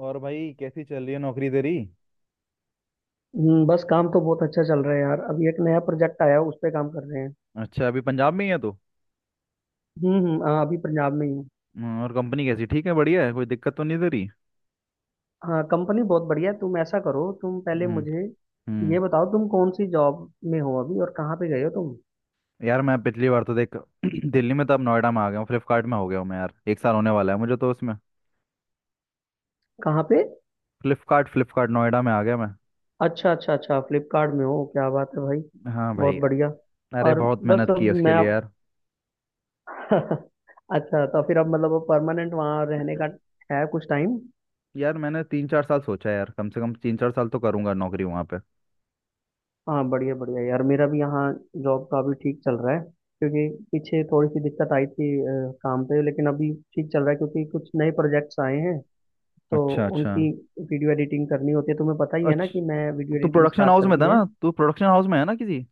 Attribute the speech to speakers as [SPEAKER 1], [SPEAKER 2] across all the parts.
[SPEAKER 1] और भाई, कैसी चल रही है नौकरी तेरी?
[SPEAKER 2] बस काम तो बहुत अच्छा चल रहा है यार। अभी एक नया प्रोजेक्ट आया है, उस पे काम कर रहे हैं।
[SPEAKER 1] अच्छा, अभी पंजाब में ही है तो?
[SPEAKER 2] हम्म, हम्म, हाँ, अभी पंजाब में ही हूँ।
[SPEAKER 1] हम्म। और कंपनी कैसी? ठीक है? बढ़िया है? कोई दिक्कत तो नहीं दे रही?
[SPEAKER 2] हाँ, कंपनी बहुत बढ़िया है। तुम ऐसा करो, तुम पहले
[SPEAKER 1] हम्म।
[SPEAKER 2] मुझे
[SPEAKER 1] हम्म।
[SPEAKER 2] ये बताओ, तुम कौन सी जॉब में हो अभी और कहाँ पे गए हो तुम।
[SPEAKER 1] यार, मैं पिछली बार तो देख दिल्ली में तो अब नोएडा में आ गया हूँ। फ्लिपकार्ट में हो गया हूँ मैं, यार 1 साल होने वाला है मुझे तो उसमें।
[SPEAKER 2] कहाँ पे।
[SPEAKER 1] फ्लिपकार्ट फ्लिपकार्ट नोएडा में आ गया मैं।
[SPEAKER 2] अच्छा, अच्छा, अच्छा, फ्लिपकार्ट में हो, क्या बात है भाई।
[SPEAKER 1] हाँ
[SPEAKER 2] बहुत
[SPEAKER 1] भाई।
[SPEAKER 2] बढ़िया।
[SPEAKER 1] अरे
[SPEAKER 2] और
[SPEAKER 1] बहुत
[SPEAKER 2] बस
[SPEAKER 1] मेहनत की है
[SPEAKER 2] अब
[SPEAKER 1] उसके
[SPEAKER 2] मैं।
[SPEAKER 1] लिए यार।
[SPEAKER 2] अच्छा, तो फिर अब मतलब परमानेंट वहाँ रहने का है कुछ टाइम।
[SPEAKER 1] यार, मैंने 3-4 साल सोचा है यार, कम से कम 3-4 साल तो करूंगा नौकरी वहाँ पे।
[SPEAKER 2] हाँ, बढ़िया, बढ़िया यार, मेरा भी यहाँ जॉब का अभी ठीक चल रहा है। क्योंकि पीछे थोड़ी सी दिक्कत आई थी काम पे, लेकिन अभी ठीक चल रहा है क्योंकि कुछ नए प्रोजेक्ट्स आए हैं। तो
[SPEAKER 1] अच्छा अच्छा
[SPEAKER 2] उनकी वीडियो एडिटिंग करनी होती है। तुम्हें पता ही है ना कि
[SPEAKER 1] अच्छा।
[SPEAKER 2] मैं वीडियो
[SPEAKER 1] तू
[SPEAKER 2] एडिटिंग
[SPEAKER 1] प्रोडक्शन
[SPEAKER 2] स्टार्ट
[SPEAKER 1] हाउस
[SPEAKER 2] कर
[SPEAKER 1] में
[SPEAKER 2] दी
[SPEAKER 1] था
[SPEAKER 2] है।
[SPEAKER 1] ना, तू प्रोडक्शन हाउस में है ना किसी?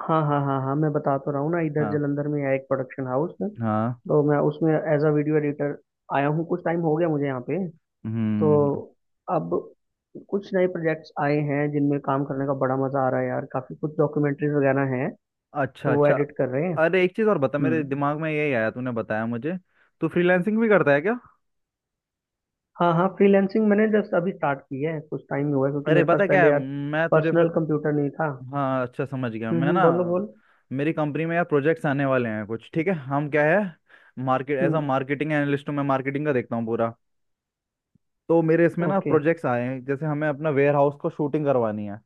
[SPEAKER 2] हाँ, हाँ, हाँ, हाँ, मैं बता तो रहा हूँ ना, इधर
[SPEAKER 1] हाँ
[SPEAKER 2] जलंधर में है एक प्रोडक्शन हाउस,
[SPEAKER 1] हाँ।
[SPEAKER 2] तो मैं उसमें एज अ वीडियो एडिटर आया हूँ। कुछ टाइम हो गया मुझे यहाँ पे। तो
[SPEAKER 1] हम्म।
[SPEAKER 2] अब कुछ नए प्रोजेक्ट्स आए हैं जिनमें काम करने का बड़ा मजा आ रहा है यार। काफी कुछ डॉक्यूमेंट्रीज वगैरह हैं,
[SPEAKER 1] अच्छा
[SPEAKER 2] तो वो
[SPEAKER 1] अच्छा।
[SPEAKER 2] एडिट कर रहे हैं।
[SPEAKER 1] अरे एक चीज और बता, मेरे
[SPEAKER 2] हम्म।
[SPEAKER 1] दिमाग में यही आया तूने बताया मुझे। तू फ्रीलांसिंग भी करता है क्या?
[SPEAKER 2] हाँ, हाँ, फ्रीलैंसिंग मैंने जस्ट अभी स्टार्ट की है, कुछ टाइम ही हुआ है, क्योंकि
[SPEAKER 1] अरे
[SPEAKER 2] मेरे पास
[SPEAKER 1] पता क्या
[SPEAKER 2] पहले
[SPEAKER 1] है,
[SPEAKER 2] यार
[SPEAKER 1] मैं तुझे
[SPEAKER 2] पर्सनल
[SPEAKER 1] फिर।
[SPEAKER 2] कंप्यूटर नहीं था।
[SPEAKER 1] हाँ, अच्छा समझ गया
[SPEAKER 2] हम्म,
[SPEAKER 1] मैं ना।
[SPEAKER 2] बोलो, बोल।
[SPEAKER 1] मेरी कंपनी में यार प्रोजेक्ट्स आने वाले हैं कुछ, ठीक है। हम क्या है, market as a
[SPEAKER 2] hmm.
[SPEAKER 1] Marketing analyst हूँ मैं, मार्केटिंग का देखता हूँ पूरा। तो मेरे इसमें ना
[SPEAKER 2] ओके।
[SPEAKER 1] प्रोजेक्ट्स आए हैं, जैसे हमें अपना वेयर हाउस को शूटिंग करवानी है।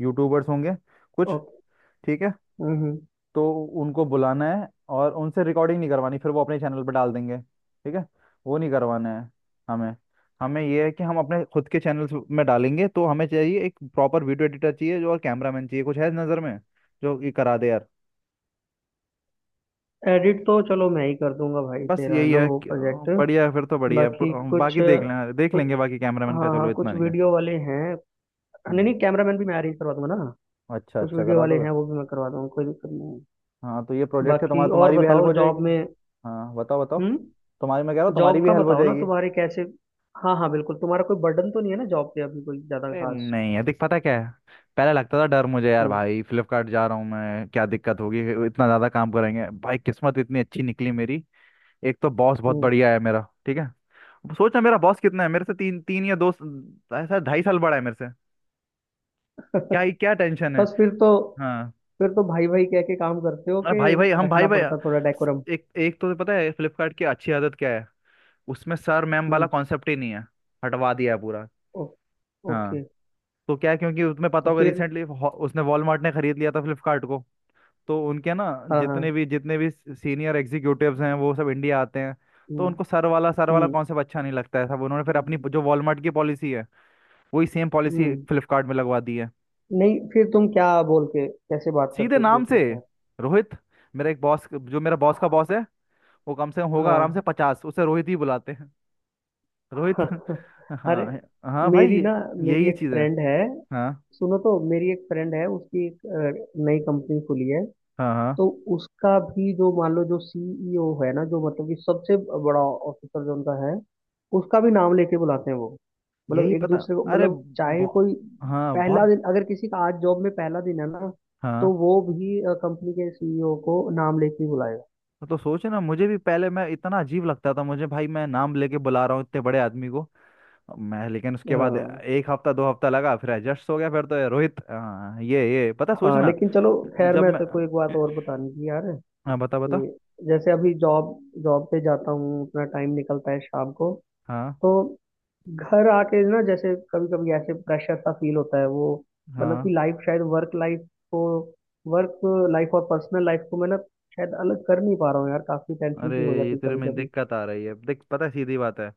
[SPEAKER 1] यूट्यूबर्स होंगे कुछ,
[SPEAKER 2] ओके।
[SPEAKER 1] ठीक है।
[SPEAKER 2] हम्म। हम्म।
[SPEAKER 1] तो उनको बुलाना है और उनसे रिकॉर्डिंग नहीं करवानी, फिर वो अपने चैनल पर डाल देंगे, ठीक है। वो नहीं करवाना है हमें। हमें ये है कि हम अपने खुद के चैनल्स में डालेंगे, तो हमें चाहिए एक प्रॉपर वीडियो एडिटर चाहिए जो, और कैमरामैन चाहिए। कुछ है नज़र में जो ये करा दे यार?
[SPEAKER 2] एडिट तो चलो मैं ही कर दूंगा भाई,
[SPEAKER 1] बस
[SPEAKER 2] तेरा है
[SPEAKER 1] यही
[SPEAKER 2] ना
[SPEAKER 1] है
[SPEAKER 2] वो प्रोजेक्ट।
[SPEAKER 1] बढ़िया है, फिर तो बढ़िया है
[SPEAKER 2] बाकी कुछ
[SPEAKER 1] बाकी देख
[SPEAKER 2] कुछ।
[SPEAKER 1] लेंगे। बाकी कैमरामैन का
[SPEAKER 2] हाँ, हाँ,
[SPEAKER 1] चलो, इतना
[SPEAKER 2] कुछ
[SPEAKER 1] नहीं है।
[SPEAKER 2] वीडियो वाले हैं। नहीं,
[SPEAKER 1] हम्म।
[SPEAKER 2] नहीं, कैमरामैन भी मैं अरेंज करवा दूंगा ना।
[SPEAKER 1] अच्छा
[SPEAKER 2] कुछ
[SPEAKER 1] अच्छा,
[SPEAKER 2] वीडियो
[SPEAKER 1] करा
[SPEAKER 2] वाले
[SPEAKER 1] दोगे?
[SPEAKER 2] हैं, वो भी मैं करवा दूंगा, कोई दिक्कत नहीं है।
[SPEAKER 1] हाँ तो ये प्रोजेक्ट है तुम्हारा,
[SPEAKER 2] बाकी और
[SPEAKER 1] तुम्हारी भी हेल्प
[SPEAKER 2] बताओ
[SPEAKER 1] हो
[SPEAKER 2] जॉब
[SPEAKER 1] जाएगी।
[SPEAKER 2] में।
[SPEAKER 1] हाँ बताओ बताओ।
[SPEAKER 2] हम्म।
[SPEAKER 1] तुम्हारी, मैं कह रहा हूँ तुम्हारी
[SPEAKER 2] जॉब
[SPEAKER 1] भी
[SPEAKER 2] का
[SPEAKER 1] हेल्प हो
[SPEAKER 2] बताओ ना,
[SPEAKER 1] जाएगी।
[SPEAKER 2] तुम्हारे कैसे। हाँ, हाँ, बिल्कुल, तुम्हारा कोई बर्डन तो नहीं है ना जॉब पे अभी, कोई ज्यादा
[SPEAKER 1] अरे
[SPEAKER 2] खास।
[SPEAKER 1] नहीं, अधिक पता क्या है। पहले लगता था डर मुझे यार,
[SPEAKER 2] हम्म
[SPEAKER 1] भाई फ्लिपकार्ट जा रहा हूँ मैं, क्या दिक्कत होगी, इतना ज़्यादा काम करेंगे। भाई किस्मत इतनी अच्छी निकली मेरी। एक तो बॉस बहुत
[SPEAKER 2] हम्म
[SPEAKER 1] बढ़िया है मेरा, ठीक है। सोच ना, मेरा बॉस कितना है मेरे से, तीन तीन या दो, ऐसा 2.5 साल बड़ा है मेरे से। क्या ही, क्या टेंशन है।
[SPEAKER 2] बस फिर तो।
[SPEAKER 1] हाँ।
[SPEAKER 2] फिर तो भाई भाई कह के काम करते हो,
[SPEAKER 1] अरे
[SPEAKER 2] कि
[SPEAKER 1] भाई भाई, हम भाई
[SPEAKER 2] रखना
[SPEAKER 1] भाई।
[SPEAKER 2] पड़ता थोड़ा डेकोरम।
[SPEAKER 1] एक एक तो पता है फ्लिपकार्ट की अच्छी आदत क्या है। उसमें सर मैम वाला
[SPEAKER 2] हम्म।
[SPEAKER 1] कॉन्सेप्ट ही नहीं है, हटवा दिया है पूरा।
[SPEAKER 2] ओ,
[SPEAKER 1] हाँ।
[SPEAKER 2] ओके,
[SPEAKER 1] तो क्या है, क्योंकि तुम्हें पता
[SPEAKER 2] तो
[SPEAKER 1] होगा
[SPEAKER 2] फिर।
[SPEAKER 1] रिसेंटली उसने वॉलमार्ट ने खरीद लिया था फ्लिपकार्ट को। तो उनके ना,
[SPEAKER 2] हाँ, हाँ,
[SPEAKER 1] जितने भी सीनियर एग्जीक्यूटिव्स हैं वो सब इंडिया आते हैं। तो
[SPEAKER 2] हम्म,
[SPEAKER 1] उनको सर वाला
[SPEAKER 2] हम्म,
[SPEAKER 1] कॉन्सेप्ट अच्छा नहीं लगता है सब, उन्होंने फिर अपनी जो वॉलमार्ट की पॉलिसी है, वही सेम पॉलिसी
[SPEAKER 2] हम्म।
[SPEAKER 1] फ्लिपकार्ट में लगवा दी है।
[SPEAKER 2] नहीं फिर तुम क्या, बोल के कैसे बात
[SPEAKER 1] सीधे
[SPEAKER 2] करते हो एक
[SPEAKER 1] नाम से।
[SPEAKER 2] दूसरे के साथ।
[SPEAKER 1] रोहित। मेरा एक बॉस जो मेरा बॉस का बॉस है, वो कम से कम होगा आराम
[SPEAKER 2] हाँ।
[SPEAKER 1] से 50, उसे रोहित ही बुलाते हैं। रोहित
[SPEAKER 2] अरे,
[SPEAKER 1] हाँ। हाँ भाई
[SPEAKER 2] मेरी
[SPEAKER 1] ये,
[SPEAKER 2] ना, मेरी
[SPEAKER 1] यही
[SPEAKER 2] एक
[SPEAKER 1] चीज़ है।
[SPEAKER 2] फ्रेंड है।
[SPEAKER 1] हाँ
[SPEAKER 2] सुनो, तो मेरी एक फ्रेंड है, उसकी एक नई कंपनी खुली है।
[SPEAKER 1] हाँ हाँ।
[SPEAKER 2] तो उसका भी जो मान लो, जो सीईओ है ना, जो मतलब कि सबसे बड़ा ऑफिसर जो उनका है, उसका भी नाम लेके बुलाते हैं वो। मतलब
[SPEAKER 1] यही
[SPEAKER 2] एक
[SPEAKER 1] पता।
[SPEAKER 2] दूसरे को,
[SPEAKER 1] अरे
[SPEAKER 2] मतलब चाहे कोई
[SPEAKER 1] हाँ
[SPEAKER 2] पहला
[SPEAKER 1] बहुत।
[SPEAKER 2] दिन, अगर किसी का आज जॉब में पहला दिन है ना, तो
[SPEAKER 1] हाँ
[SPEAKER 2] वो भी कंपनी के सीईओ को नाम लेके ही बुलाएगा।
[SPEAKER 1] हाँ, तो सोचे ना, मुझे भी पहले मैं, इतना अजीब लगता था मुझे भाई, मैं नाम लेके बुला रहा हूँ इतने बड़े आदमी को। मैं लेकिन उसके बाद
[SPEAKER 2] हाँ,
[SPEAKER 1] 1 हफ्ता 2 हफ्ता लगा, फिर एडजस्ट हो गया। फिर तो ये रोहित हाँ, ये पता
[SPEAKER 2] हाँ,
[SPEAKER 1] सोचना।
[SPEAKER 2] लेकिन चलो खैर,
[SPEAKER 1] जब
[SPEAKER 2] मैं
[SPEAKER 1] मैं,
[SPEAKER 2] तेरे को एक बात और बतानी थी यार,
[SPEAKER 1] हाँ बता बता।
[SPEAKER 2] कि जैसे अभी जॉब जॉब पे जाता हूँ, अपना टाइम निकलता है शाम को।
[SPEAKER 1] हाँ
[SPEAKER 2] तो घर आके ना, जैसे कभी कभी ऐसे प्रेशर सा फील होता है वो, मतलब कि
[SPEAKER 1] हाँ।
[SPEAKER 2] लाइफ शायद, को वर्क लाइफ और पर्सनल लाइफ को मैं ना शायद अलग कर नहीं पा रहा हूँ यार, काफी टेंशन
[SPEAKER 1] अरे
[SPEAKER 2] सी हो
[SPEAKER 1] ये
[SPEAKER 2] जाती है
[SPEAKER 1] तेरे
[SPEAKER 2] कभी
[SPEAKER 1] में
[SPEAKER 2] कभी।
[SPEAKER 1] दिक्कत आ रही है देख, पता है, सीधी बात है।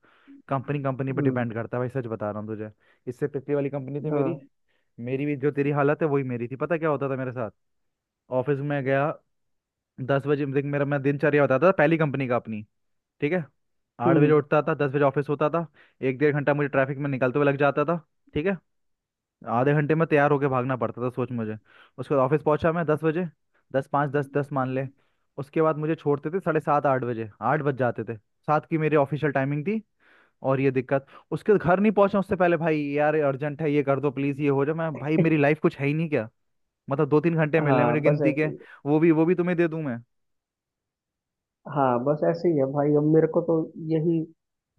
[SPEAKER 1] कंपनी, कंपनी पर
[SPEAKER 2] हम्म।
[SPEAKER 1] डिपेंड करता है भाई, सच बता रहा हूँ तुझे। इससे पिछली वाली कंपनी थी
[SPEAKER 2] हाँ।
[SPEAKER 1] मेरी, मेरी भी जो तेरी हालत है वही मेरी थी, पता क्या होता था मेरे साथ। ऑफिस में गया 10 बजे। देख मेरा मैं दिनचर्या बताता था पहली कंपनी का अपनी, ठीक है। 8 बजे
[SPEAKER 2] हम्म।
[SPEAKER 1] उठता था, 10 बजे ऑफिस होता था। एक डेढ़ घंटा मुझे ट्रैफिक में निकलते हुए लग जाता था, ठीक है। आधे घंटे में तैयार होके भागना पड़ता था, सोच मुझे। उसके बाद ऑफिस पहुंचा मैं 10 बजे, 10:05 10:10 मान ले। उसके बाद मुझे छोड़ते थे 7:30 8 बजे, आठ बज जाते थे। सात की मेरी ऑफिशियल टाइमिंग थी। और ये दिक्कत, उसके घर नहीं पहुंचा उससे पहले, भाई यार अर्जेंट है ये कर दो प्लीज ये हो जाए। मैं, भाई मेरी लाइफ कुछ है ही नहीं क्या? मतलब दो तीन घंटे मिलने हैं मेरी
[SPEAKER 2] हाँ, बस
[SPEAKER 1] गिनती के,
[SPEAKER 2] ऐसे ही।
[SPEAKER 1] वो भी तुम्हें दे दूं मैं?
[SPEAKER 2] हाँ, बस ऐसे ही है भाई, अब मेरे को तो यही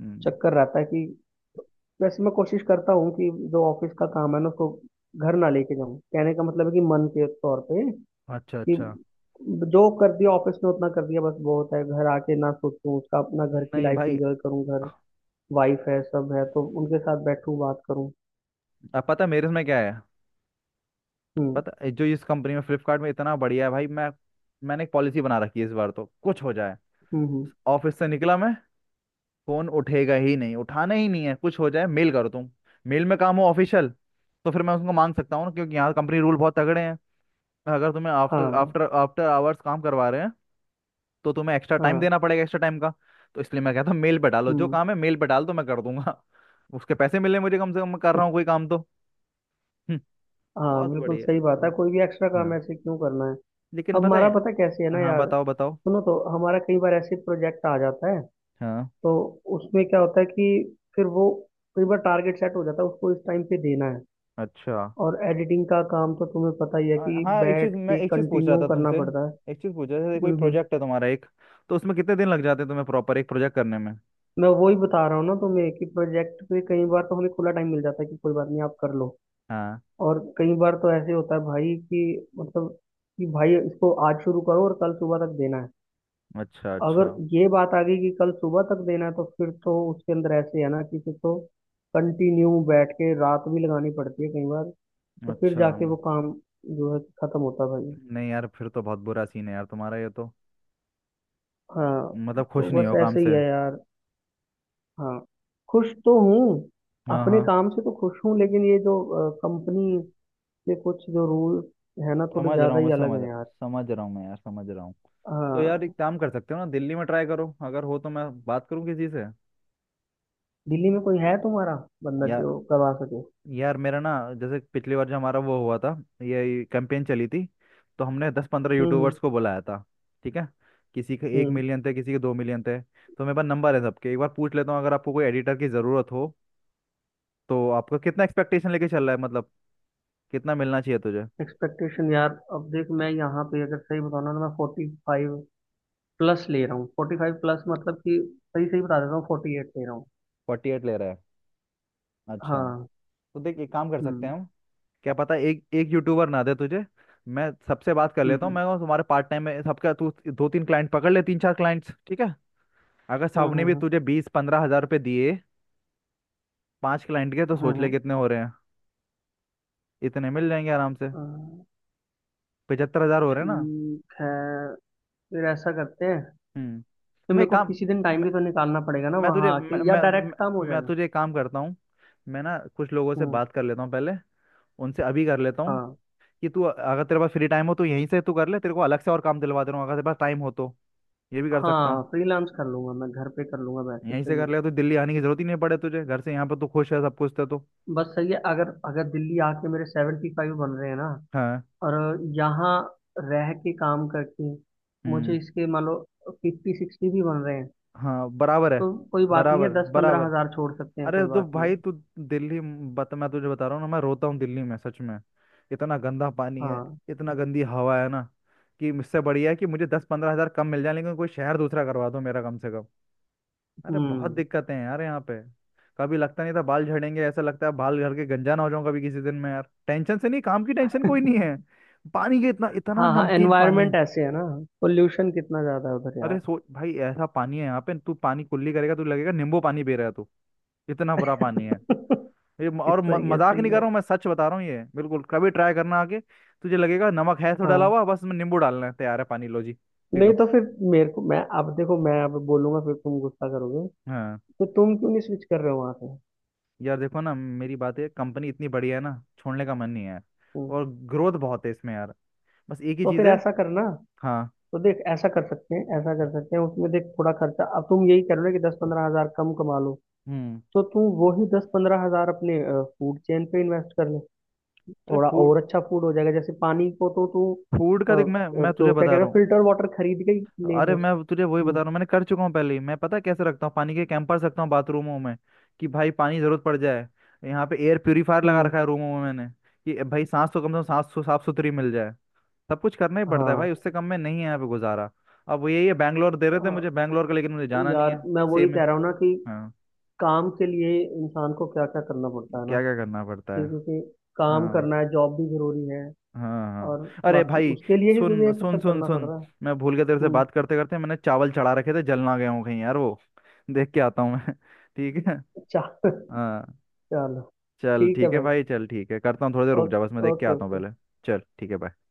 [SPEAKER 1] हम्म।
[SPEAKER 2] चक्कर रहता है कि वैसे मैं कोशिश करता हूँ कि जो ऑफिस का काम है ना, उसको घर ना लेके जाऊँ। कहने का मतलब है कि मन के तौर पे,
[SPEAKER 1] अच्छा
[SPEAKER 2] कि
[SPEAKER 1] अच्छा।
[SPEAKER 2] जो कर दिया ऑफिस में उतना कर दिया बस, बहुत है, घर आके ना सोचूं उसका, अपना घर की
[SPEAKER 1] नहीं
[SPEAKER 2] लाइफ
[SPEAKER 1] भाई,
[SPEAKER 2] एंजॉय करूं, घर वाइफ है, सब है, तो उनके साथ बैठूं, बात करूं।
[SPEAKER 1] अब पता है मेरे में क्या है।
[SPEAKER 2] हम्म,
[SPEAKER 1] पता है, जो इस कंपनी में फ्लिपकार्ट में इतना बढ़िया है भाई, मैं, मैंने एक पॉलिसी बना रखी है इस बार, तो कुछ हो जाए
[SPEAKER 2] हम्म,
[SPEAKER 1] ऑफिस से निकला मैं, फोन उठेगा ही नहीं, उठाना ही नहीं है। कुछ हो जाए मेल करो तुम, मेल में काम हो ऑफिशियल, तो फिर मैं उसको मांग सकता हूँ ना, क्योंकि यहाँ कंपनी रूल बहुत तगड़े हैं। अगर तुम्हें आफ्टर
[SPEAKER 2] हाँ,
[SPEAKER 1] आफ्टर आफ्टर आवर्स काम करवा रहे हैं, तो तुम्हें एक्स्ट्रा टाइम
[SPEAKER 2] हाँ,
[SPEAKER 1] देना पड़ेगा, एक्स्ट्रा टाइम का। तो इसलिए मैं कहता हूँ मेल पे डालो जो
[SPEAKER 2] हम्म।
[SPEAKER 1] काम है, मेल पे डाल दो, मैं कर दूंगा उसके पैसे मिले मुझे, कम से कम मैं कर रहा हूँ कोई काम तो। हम्म।
[SPEAKER 2] हाँ,
[SPEAKER 1] बहुत
[SPEAKER 2] बिल्कुल
[SPEAKER 1] बढ़िया।
[SPEAKER 2] सही बात है,
[SPEAKER 1] हाँ।
[SPEAKER 2] कोई भी एक्स्ट्रा काम
[SPEAKER 1] हाँ।
[SPEAKER 2] ऐसे क्यों करना है।
[SPEAKER 1] लेकिन
[SPEAKER 2] अब
[SPEAKER 1] पता
[SPEAKER 2] हमारा
[SPEAKER 1] है।
[SPEAKER 2] पता कैसे है ना
[SPEAKER 1] हाँ
[SPEAKER 2] यार,
[SPEAKER 1] बताओ बताओ।
[SPEAKER 2] सुनो, तो हमारा कई बार ऐसे प्रोजेक्ट आ जाता है,
[SPEAKER 1] हाँ।
[SPEAKER 2] तो उसमें क्या होता है कि फिर वो, कई बार टारगेट सेट हो जाता है उसको इस टाइम पे देना है।
[SPEAKER 1] अच्छा।
[SPEAKER 2] और एडिटिंग का काम तो तुम्हें पता ही है कि
[SPEAKER 1] हाँ
[SPEAKER 2] बैठ के
[SPEAKER 1] एक चीज पूछ रहा
[SPEAKER 2] कंटिन्यू
[SPEAKER 1] था
[SPEAKER 2] करना
[SPEAKER 1] तुमसे,
[SPEAKER 2] पड़ता है।
[SPEAKER 1] एक चीज पूछ रहा था, कोई
[SPEAKER 2] हम्म, हम्म।
[SPEAKER 1] प्रोजेक्ट है तुम्हारा एक, तो उसमें कितने दिन लग जाते हैं तुम्हें प्रॉपर एक प्रोजेक्ट करने में?
[SPEAKER 2] मैं वही बता रहा हूँ ना तुम्हें कि प्रोजेक्ट पे कई बार तो हमें खुला टाइम मिल जाता है कि कोई बात नहीं, आप कर लो।
[SPEAKER 1] हाँ।
[SPEAKER 2] और कई बार तो ऐसे होता है भाई कि, मतलब कि भाई इसको आज शुरू करो और कल सुबह तक देना है।
[SPEAKER 1] अच्छा अच्छा
[SPEAKER 2] अगर ये बात आ गई कि कल सुबह तक देना है, तो फिर तो उसके अंदर ऐसे है ना कि फिर तो कंटिन्यू बैठ के रात भी लगानी पड़ती है कई बार, तो फिर
[SPEAKER 1] अच्छा।
[SPEAKER 2] जाके वो काम जो है खत्म होता है भाई।
[SPEAKER 1] नहीं यार, फिर तो बहुत बुरा सीन है यार तुम्हारा ये तो।
[SPEAKER 2] हाँ,
[SPEAKER 1] मतलब खुश
[SPEAKER 2] तो
[SPEAKER 1] नहीं
[SPEAKER 2] बस
[SPEAKER 1] हो काम
[SPEAKER 2] ऐसे ही
[SPEAKER 1] से।
[SPEAKER 2] है यार। हाँ। खुश तो हूँ,
[SPEAKER 1] हाँ
[SPEAKER 2] अपने
[SPEAKER 1] हाँ।
[SPEAKER 2] काम से तो खुश हूँ, लेकिन ये जो कंपनी
[SPEAKER 1] हम्म।
[SPEAKER 2] के कुछ जो रूल है ना, थोड़े
[SPEAKER 1] समझ रहा
[SPEAKER 2] ज्यादा
[SPEAKER 1] हूँ मैं,
[SPEAKER 2] ही अलग
[SPEAKER 1] समझ
[SPEAKER 2] हैं
[SPEAKER 1] रहा हूँ,
[SPEAKER 2] यार।
[SPEAKER 1] समझ रहा हूँ मैं यार, समझ रहा हूँ। तो यार,
[SPEAKER 2] हाँ।
[SPEAKER 1] एक काम कर सकते हो ना, दिल्ली में ट्राई करो। अगर हो तो मैं बात करूँ किसी से।
[SPEAKER 2] दिल्ली में कोई है तुम्हारा बंदा
[SPEAKER 1] यार,
[SPEAKER 2] जो करवा सके?
[SPEAKER 1] यार मेरा ना, जैसे पिछली बार जो हमारा वो हुआ था, ये कैंपेन चली थी। तो हमने 10-15
[SPEAKER 2] हम्म, हम्म,
[SPEAKER 1] यूट्यूबर्स को बुलाया था, ठीक है। किसी के एक
[SPEAKER 2] हम्म।
[SPEAKER 1] मिलियन थे, किसी के 2 मिलियन थे, तो मेरे पास नंबर है सबके, एक बार पूछ लेता हूँ। अगर आपको कोई एडिटर की ज़रूरत हो, तो आपका कितना एक्सपेक्टेशन लेके चल रहा है मतलब, कितना मिलना चाहिए तुझे?
[SPEAKER 2] एक्सपेक्टेशन यार, अब देख, मैं यहाँ पे अगर सही बताऊँ ना, मैं 45 प्लस ले रहा हूँ, 45 प्लस, मतलब कि, सही सही बता देता हूँ, 48 ले रहा हूँ।
[SPEAKER 1] 48 ले रहा है? अच्छा।
[SPEAKER 2] हाँ।
[SPEAKER 1] तो देख, एक काम कर सकते
[SPEAKER 2] हम्म,
[SPEAKER 1] हैं हम। क्या पता एक एक यूट्यूबर ना दे तुझे, मैं सबसे बात कर लेता हूँ
[SPEAKER 2] हम्म,
[SPEAKER 1] मैं। और तुम्हारे पार्ट टाइम में, सबका तू 2-3 क्लाइंट पकड़ ले, 3-4 क्लाइंट्स, ठीक है। अगर
[SPEAKER 2] हम्म,
[SPEAKER 1] सबने भी
[SPEAKER 2] हम्म,
[SPEAKER 1] तुझे 15-20 हजार रुपये दिए 5 क्लाइंट के, तो
[SPEAKER 2] हम्म,
[SPEAKER 1] सोच ले कितने हो रहे हैं, इतने मिल जाएंगे आराम से,
[SPEAKER 2] हम्म।
[SPEAKER 1] 75 हजार हो रहे हैं ना।
[SPEAKER 2] ठीक है, फिर ऐसा करते हैं। तो
[SPEAKER 1] हम्म। मैं
[SPEAKER 2] मेरे को
[SPEAKER 1] काम
[SPEAKER 2] किसी दिन टाइम
[SPEAKER 1] मैं
[SPEAKER 2] भी तो निकालना पड़ेगा ना
[SPEAKER 1] मैं
[SPEAKER 2] वहां
[SPEAKER 1] तुझे मैं
[SPEAKER 2] आके, या
[SPEAKER 1] मैं
[SPEAKER 2] डायरेक्ट काम हो
[SPEAKER 1] मैं मैं
[SPEAKER 2] जाएगा?
[SPEAKER 1] तुझे एक काम करता हूँ। मैं ना कुछ लोगों से
[SPEAKER 2] हम्म।
[SPEAKER 1] बात कर लेता हूँ पहले, उनसे अभी कर लेता हूँ,
[SPEAKER 2] हाँ,
[SPEAKER 1] कि तू, अगर तेरे पास फ्री टाइम हो तो यहीं से तू कर ले, तेरे को अलग से और काम दिलवा दे रहा हूँ, अगर तेरे पास टाइम हो तो, ये भी कर सकता
[SPEAKER 2] हाँ,
[SPEAKER 1] हूँ।
[SPEAKER 2] फ्रीलांस कर लूंगा, मैं घर पे कर लूंगा बैठ के,
[SPEAKER 1] यहीं से
[SPEAKER 2] सही
[SPEAKER 1] कर
[SPEAKER 2] है।
[SPEAKER 1] ले तो दिल्ली आने की जरूरत ही नहीं पड़े तुझे, घर से, यहाँ पर तू खुश है सब कुछ है तो।
[SPEAKER 2] बस, सही है, अगर अगर दिल्ली आके मेरे 75 बन रहे हैं ना,
[SPEAKER 1] हाँ।
[SPEAKER 2] और यहाँ रह के काम करके मुझे
[SPEAKER 1] हम्म।
[SPEAKER 2] इसके, मान लो, फिफ्टी सिक्सटी भी बन रहे हैं,
[SPEAKER 1] हाँ बराबर है।
[SPEAKER 2] तो कोई बात नहीं है,
[SPEAKER 1] बराबर,
[SPEAKER 2] दस पंद्रह
[SPEAKER 1] बराबर।
[SPEAKER 2] हजार छोड़ सकते हैं,
[SPEAKER 1] अरे
[SPEAKER 2] कोई
[SPEAKER 1] तो
[SPEAKER 2] बात नहीं
[SPEAKER 1] भाई
[SPEAKER 2] है।
[SPEAKER 1] तू, दिल्ली बता, मैं तुझे बता रहा हूँ ना, मैं रोता हूँ दिल्ली में सच में। इतना गंदा पानी है,
[SPEAKER 2] हाँ।
[SPEAKER 1] इतना गंदी हवा है ना, कि इससे बढ़िया है कि मुझे 10-15 हजार कम मिल जाए, लेकिन कोई शहर दूसरा करवा दो मेरा कम से कम। अरे बहुत
[SPEAKER 2] हम्म।
[SPEAKER 1] दिक्कतें हैं यार यहाँ पे। कभी लगता नहीं था बाल झड़ेंगे, ऐसा लगता है बाल घर के गंजा ना हो जाऊं कभी किसी दिन में यार, टेंशन से, नहीं काम की टेंशन कोई नहीं है। पानी के, इतना इतना
[SPEAKER 2] हाँ, हाँ,
[SPEAKER 1] नमकीन पानी
[SPEAKER 2] एनवायरनमेंट
[SPEAKER 1] है।
[SPEAKER 2] ऐसे है ना, पोल्यूशन कितना ज्यादा है उधर
[SPEAKER 1] अरे
[SPEAKER 2] यार।
[SPEAKER 1] सोच भाई, ऐसा पानी है यहाँ पे, तू पानी कुल्ली करेगा तू लगेगा नींबू पानी पी रहा है तू, इतना बुरा पानी है। ये म- और म,
[SPEAKER 2] सही है,
[SPEAKER 1] मजाक
[SPEAKER 2] सही
[SPEAKER 1] नहीं कर
[SPEAKER 2] है।
[SPEAKER 1] रहा हूँ मैं, सच बता रहा हूँ ये बिल्कुल। कभी ट्राई करना, आके तुझे लगेगा नमक है तो डाला
[SPEAKER 2] हाँ।
[SPEAKER 1] हुआ बस में, नींबू डालना है, तैयार है, पानी लो जी, पी
[SPEAKER 2] नहीं,
[SPEAKER 1] लो।
[SPEAKER 2] तो फिर, मेरे को, मैं अब देखो, मैं अब बोलूंगा फिर तुम गुस्सा करोगे,
[SPEAKER 1] हाँ।
[SPEAKER 2] तो तुम क्यों नहीं स्विच कर रहे हो वहां से?
[SPEAKER 1] यार देखो ना, मेरी बात है कंपनी इतनी बढ़िया है ना, छोड़ने का मन नहीं है।
[SPEAKER 2] हम्म,
[SPEAKER 1] और ग्रोथ बहुत है इसमें यार, बस एक ही
[SPEAKER 2] तो फिर
[SPEAKER 1] चीज़ है।
[SPEAKER 2] ऐसा करना,
[SPEAKER 1] हाँ।
[SPEAKER 2] तो देख, ऐसा कर सकते हैं, ऐसा कर सकते हैं, उसमें देख थोड़ा खर्चा, अब तुम यही कर रहे हो ना कि 10-15 हज़ार कम कमा लो,
[SPEAKER 1] हम्म।
[SPEAKER 2] तो तुम वही 10-15 हज़ार अपने फूड चेन पे इन्वेस्ट कर ले,
[SPEAKER 1] अरे
[SPEAKER 2] थोड़ा
[SPEAKER 1] फूड,
[SPEAKER 2] और अच्छा फूड हो जाएगा। जैसे पानी को तो तू,
[SPEAKER 1] फूड का देख, मैं मैं तुझे
[SPEAKER 2] जो क्या कह
[SPEAKER 1] बता
[SPEAKER 2] रहे
[SPEAKER 1] रहा
[SPEAKER 2] हो,
[SPEAKER 1] हूँ।
[SPEAKER 2] फिल्टर वाटर खरीद के ही ले
[SPEAKER 1] अरे
[SPEAKER 2] बस।
[SPEAKER 1] मैं तुझे वही
[SPEAKER 2] हम्म,
[SPEAKER 1] बता रहा हूँ, मैंने कर चुका हूँ पहले ही मैं, पता है कैसे रखता हूँ, पानी के कैंपर रखता हूँ बाथरूमों में, कि भाई पानी जरूरत पड़ जाए। यहाँ पे एयर प्योरीफायर लगा
[SPEAKER 2] हम्म।
[SPEAKER 1] रखा है रूमों में मैंने, कि भाई सांस तो कम से कम सांस साफ सुथरी मिल जाए। सब कुछ करना ही पड़ता है भाई,
[SPEAKER 2] हाँ,
[SPEAKER 1] उससे कम में नहीं है यहाँ पे गुजारा। अब वो यही है, बैंगलोर दे रहे थे
[SPEAKER 2] हाँ
[SPEAKER 1] मुझे, बैंगलोर का, लेकिन मुझे जाना नहीं
[SPEAKER 2] यार,
[SPEAKER 1] है।
[SPEAKER 2] मैं वही
[SPEAKER 1] सेम है।
[SPEAKER 2] कह रहा हूँ ना कि
[SPEAKER 1] हाँ।
[SPEAKER 2] काम के लिए इंसान को क्या क्या करना पड़ता है ना।
[SPEAKER 1] क्या क्या करना पड़ता है।
[SPEAKER 2] देखो कि क्योंकि काम
[SPEAKER 1] हाँ
[SPEAKER 2] करना है, जॉब भी जरूरी है,
[SPEAKER 1] हाँ
[SPEAKER 2] और
[SPEAKER 1] हाँ, अरे
[SPEAKER 2] बाकी
[SPEAKER 1] भाई,
[SPEAKER 2] उसके लिए ही मुझे
[SPEAKER 1] सुन
[SPEAKER 2] ये
[SPEAKER 1] सुन
[SPEAKER 2] सब
[SPEAKER 1] सुन
[SPEAKER 2] करना पड़
[SPEAKER 1] सुन,
[SPEAKER 2] रहा है।
[SPEAKER 1] मैं भूल के तेरे से
[SPEAKER 2] हम्म।
[SPEAKER 1] बात करते करते मैंने चावल चढ़ा रखे थे, जल ना गया हूँ कहीं यार वो, देख के आता हूँ मैं ठीक है।
[SPEAKER 2] चा-
[SPEAKER 1] हाँ।
[SPEAKER 2] चलो,
[SPEAKER 1] चल
[SPEAKER 2] ठीक है
[SPEAKER 1] ठीक है
[SPEAKER 2] भाई,
[SPEAKER 1] भाई, चल ठीक है, करता हूँ, थोड़ी देर रुक जा
[SPEAKER 2] ओके,
[SPEAKER 1] बस, मैं देख के
[SPEAKER 2] ओके,
[SPEAKER 1] आता हूँ
[SPEAKER 2] ओके।
[SPEAKER 1] पहले। चल ठीक है, बाय।